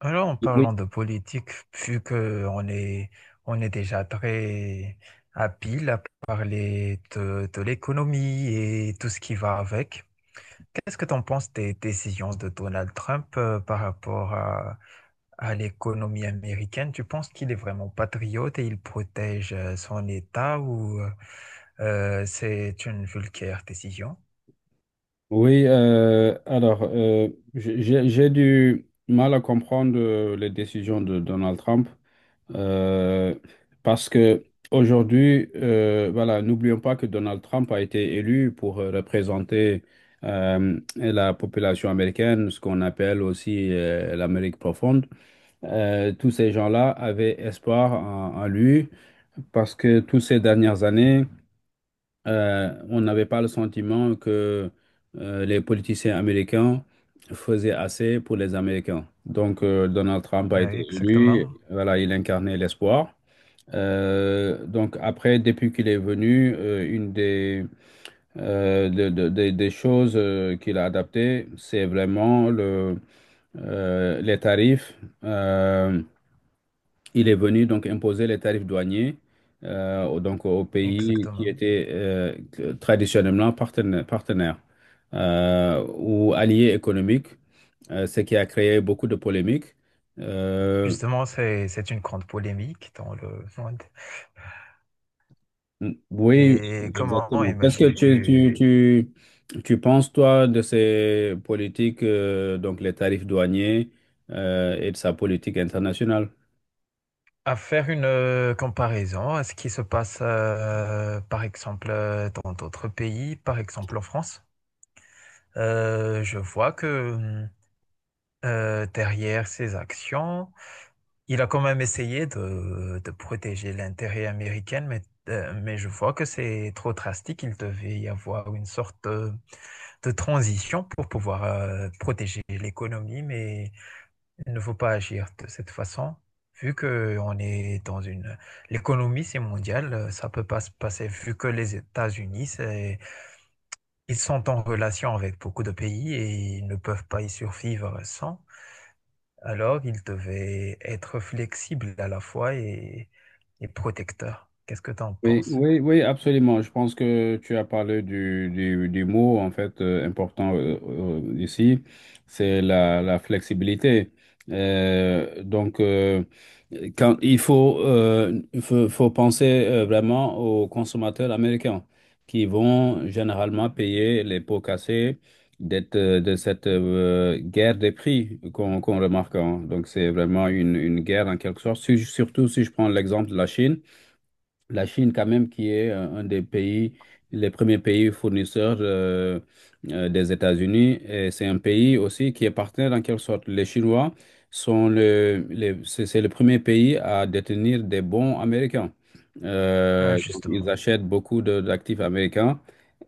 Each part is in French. Alors, en parlant Oui, de politique, vu que on est déjà très habile à parler de l'économie et tout ce qui va avec, qu'est-ce que tu en penses des décisions de Donald Trump par rapport à l'économie américaine? Tu penses qu'il est vraiment patriote et il protège son État ou c'est une vulgaire décision? oui. J'ai du mal à comprendre les décisions de Donald Trump, euh, parce que aujourd'hui, voilà, n'oublions pas que Donald Trump a été élu pour représenter la population américaine, ce qu'on appelle aussi l'Amérique profonde. Tous ces gens-là avaient espoir en en lui parce que toutes ces dernières années, on n'avait pas le sentiment que les politiciens américains faisaient assez pour les Américains. Donc, Donald Trump a été Oui, élu, exactement, voilà, il incarnait l'espoir. Donc après, depuis qu'il est venu, une des, de- des choses qu'il a adaptées, c'est vraiment les tarifs. Euh, il est venu donc imposer les tarifs douaniers, donc aux pays qui exactement. étaient traditionnellement partenaires, ou alliés économiques, ce qui a créé beaucoup de polémiques. Euh, Justement, c'est une grande polémique dans le monde. oui, Et comment exactement. Qu'est-ce que imagines-tu tu penses, toi, de ces politiques, donc les tarifs douaniers et de sa politique internationale? à faire une comparaison à ce qui se passe, par exemple, dans d'autres pays, par exemple en France? Je vois que derrière ses actions, il a quand même essayé de protéger l'intérêt américain, mais je vois que c'est trop drastique. Il devait y avoir une sorte de transition pour pouvoir protéger l'économie, mais il ne faut pas agir de cette façon, vu que on est dans une... L'économie, c'est mondial, ça peut pas se passer, vu que les États-Unis, c'est... ils sont en relation avec beaucoup de pays et ils ne peuvent pas y survivre sans. Alors, ils devaient être flexibles à la fois et protecteurs. Qu'est-ce que tu en Oui, penses? oui, oui, absolument. Je pense que tu as parlé du mot, en fait, important ici, c'est la flexibilité. Euh, donc, euh, quand il faut penser vraiment aux consommateurs américains qui vont généralement payer les pots cassés d'être, de cette guerre des prix qu'on remarque, hein. Donc, c'est vraiment une guerre en quelque sorte. Surtout si je prends l'exemple de la Chine. La Chine, quand même, qui est un des pays, les premiers pays fournisseurs des États-Unis. Et c'est un pays aussi qui est partenaire en quelque sorte. Les Chinois c'est le premier pays à détenir des bons américains. Ah, Donc, ils justement. achètent beaucoup d'actifs américains.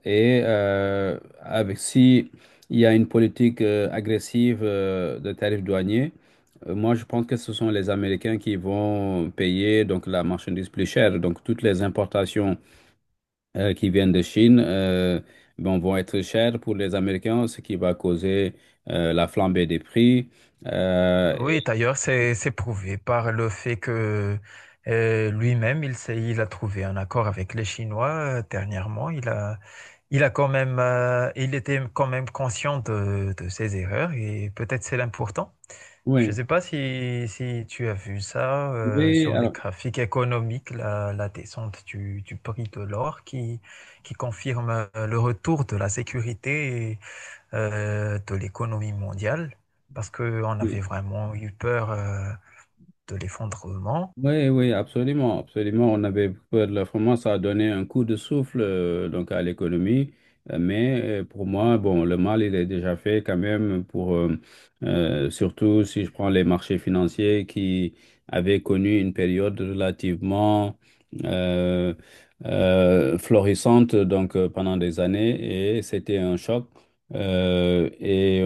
Et avec, si il y a une politique agressive de tarifs douaniers, moi, je pense que ce sont les Américains qui vont payer donc la marchandise plus chère. Donc, toutes les importations qui viennent de Chine, bon, vont être chères pour les Américains, ce qui va causer la flambée des prix. Euh, et- Oui, d'ailleurs, c'est prouvé par le fait que lui-même, il a trouvé un accord avec les Chinois dernièrement. Il a quand même, il était quand même conscient de ses erreurs et peut-être c'est l'important. Je oui, ne sais pas si, si tu as vu ça oui, sur les alors, graphiques économiques, la descente du prix de l'or qui confirme le retour de la sécurité de l'économie mondiale parce qu'on avait oui. vraiment eu peur de l'effondrement. Oui, oui, absolument, absolument. On avait peur de la France, ça a donné un coup de souffle donc à l'économie. Pour moi, bon, le mal il est déjà fait quand même pour surtout si je prends les marchés financiers qui avaient connu une période relativement euh, florissante pendant des années, et c'était un choc. Euh, et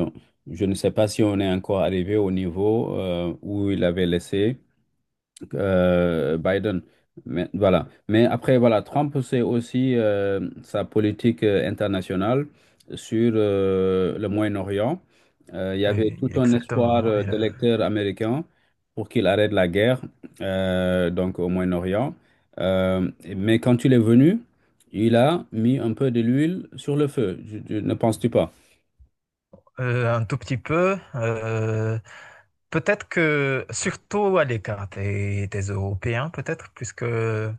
je ne sais pas si on est encore arrivé au niveau où il avait laissé Biden. Mais, voilà. Mais après, voilà, Trump, c'est aussi sa politique internationale sur le Moyen-Orient. Il y avait Oui, tout un espoir exactement. Et, d'électeurs américains pour qu'il arrête la guerre, donc au Moyen-Orient. Euh, mais quand il est venu, il a mis un peu de l'huile sur le feu. Ne penses-tu pas? Un tout petit peu. Peut-être que, surtout à l'écart des Européens, peut-être, puisque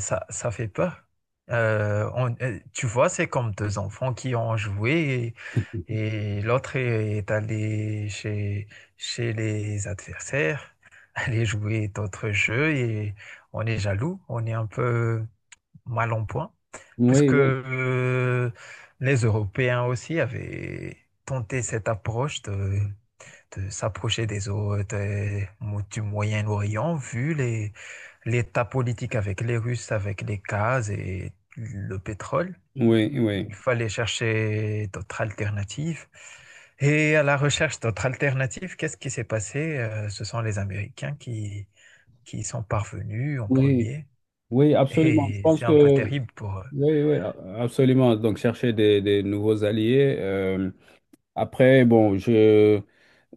ça, ça fait peur. Tu vois, c'est comme deux enfants qui ont joué et l'autre est allé chez, chez les adversaires, aller jouer d'autres jeux et on est jaloux, on est un peu mal en point, Oui, puisque oui, les Européens aussi avaient tenté cette approche de s'approcher des autres du Moyen-Orient, vu les, l'état politique avec les Russes, avec les gaz et le pétrole. oui, oui. Il fallait chercher d'autres alternatives. Et à la recherche d'autres alternatives, qu'est-ce qui s'est passé? Ce sont les Américains qui sont parvenus en Oui, premier. oui, absolument. Je Et pense c'est que un peu terrible pour eux. Oui, oui, absolument. Donc, chercher des nouveaux alliés. Après, bon,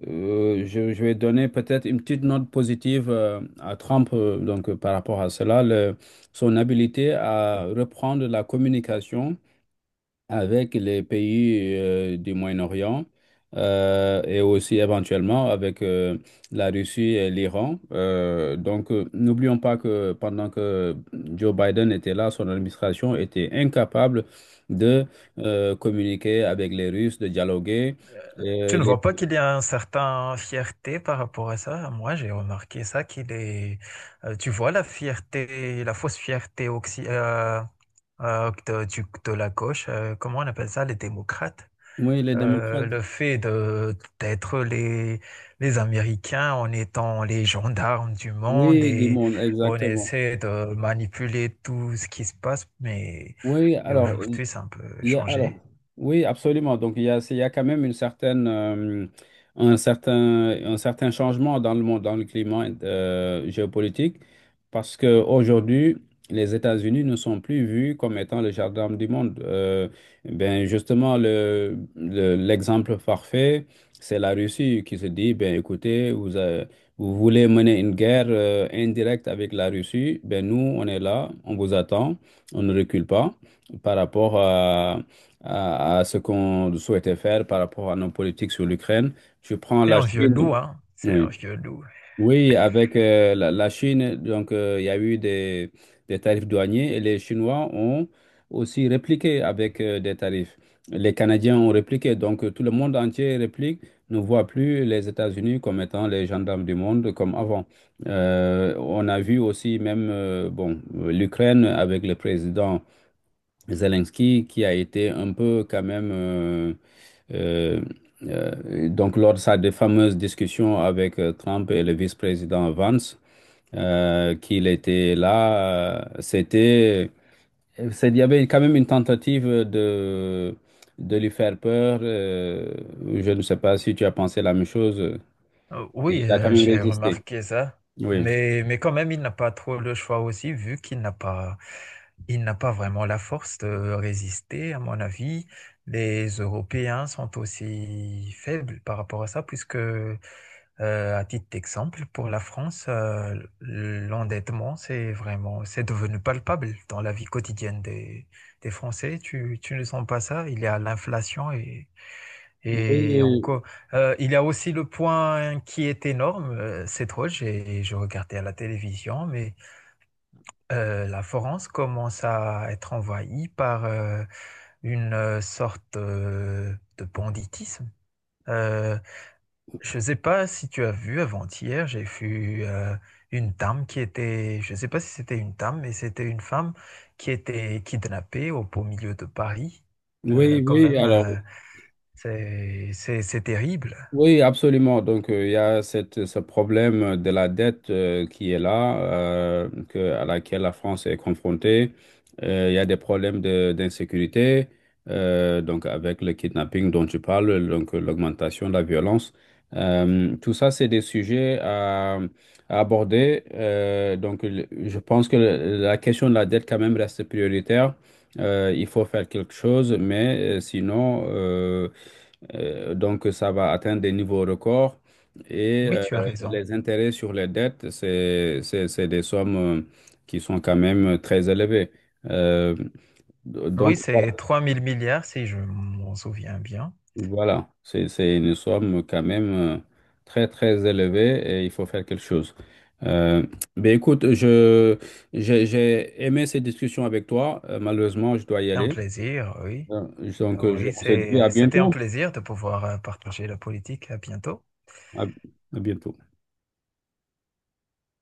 Je vais donner peut-être une petite note positive à Trump, par rapport à cela, son habilité à reprendre la communication avec les pays du Moyen-Orient et aussi éventuellement avec la Russie et l'Iran. N'oublions pas que pendant que Joe Biden était là, son administration était incapable de communiquer avec les Russes, de dialoguer. Tu Euh, ne les, vois pas qu'il y a un certain fierté par rapport à ça? Moi, j'ai remarqué ça, qu'il est... tu vois la fierté, la fausse fierté oxy- de, de la gauche, comment on appelle ça, les démocrates? oui, les démocrates. Le fait de d'être les Américains en étant les gendarmes du monde Oui, du et monde, on exactement. essaie de manipuler tout ce qui se passe, Oui, mais alors. aujourd'hui, c'est un peu Il y a- alors, changé. oui, absolument. Donc, il y a quand même une certaine, un certain, un certain changement dans le monde, dans le climat géopolitique, parce qu'aujourd'hui, les États-Unis ne sont plus vus comme étant le jardin du monde. Ben, justement, l'exemple parfait, c'est la Russie qui se dit: ben, écoutez, vous, vous voulez mener une guerre indirecte avec la Russie, ben, nous, on est là, on vous attend, on ne recule pas par rapport à ce qu'on souhaitait faire, par rapport à nos politiques sur l'Ukraine. Tu prends C'est la un vieux Chine. loup, hein? C'est un Oui, vieux loup. oui, avec la Chine, il y a eu des tarifs douaniers et les Chinois ont aussi répliqué avec des tarifs. Les Canadiens ont répliqué, tout le monde entier réplique, ne voit plus les États-Unis comme étant les gendarmes du monde comme avant. On a vu aussi même bon, l'Ukraine avec le président Zelensky qui a été un peu quand même, euh, lors de sa de fameuse discussion avec Trump et le vice-président Vance, qu'il était là, il y avait quand même une tentative de lui faire peur. Je ne sais pas si tu as pensé la même chose, et Oui, il a quand même j'ai résisté. remarqué ça, Oui, mais quand même, il n'a pas trop le choix aussi, vu qu'il n'a pas, il n'a pas vraiment la force de résister, à mon avis. Les Européens sont aussi faibles par rapport à ça, puisque, à titre d'exemple, pour la France, l'endettement, c'est devenu palpable dans la vie quotidienne des Français. Tu ne sens pas ça? Il y a l'inflation et oui, encore, il y a aussi le point qui est énorme, je regardais à la télévision, mais la France commence à être envahie par une sorte de banditisme. Euh, je ne sais pas si tu as vu avant-hier, j'ai vu une dame qui était, je ne sais pas si c'était une dame, mais c'était une femme qui était kidnappée au beau milieu de Paris. Oui, Quand oui, même, alors. C'est terrible. Oui, absolument. Donc, il y a cette, ce problème de la dette qui est là, à laquelle la France est confrontée. Il y a des problèmes d'insécurité, donc avec le kidnapping dont tu parles, l'augmentation de la violence. Tout ça, c'est des sujets à aborder. Je pense que la question de la dette quand même reste prioritaire. Il faut faire quelque chose, sinon, ça va atteindre des niveaux records. Et Oui, euh, tu as raison. les intérêts sur les dettes, c'est des sommes qui sont quand même très élevées. Euh, Oui, c'est voilà, 3 000 milliards, si je m'en souviens bien. voilà. C'est une somme quand même très, très élevée et il faut faire quelque chose. Euh, ben écoute, j'ai aimé ces discussions avec toi. Malheureusement, je dois y C'est un aller. plaisir, oui. Euh, Oui, on se dit à c'est, c'était un bientôt. plaisir de pouvoir partager la politique. À bientôt. À à bientôt.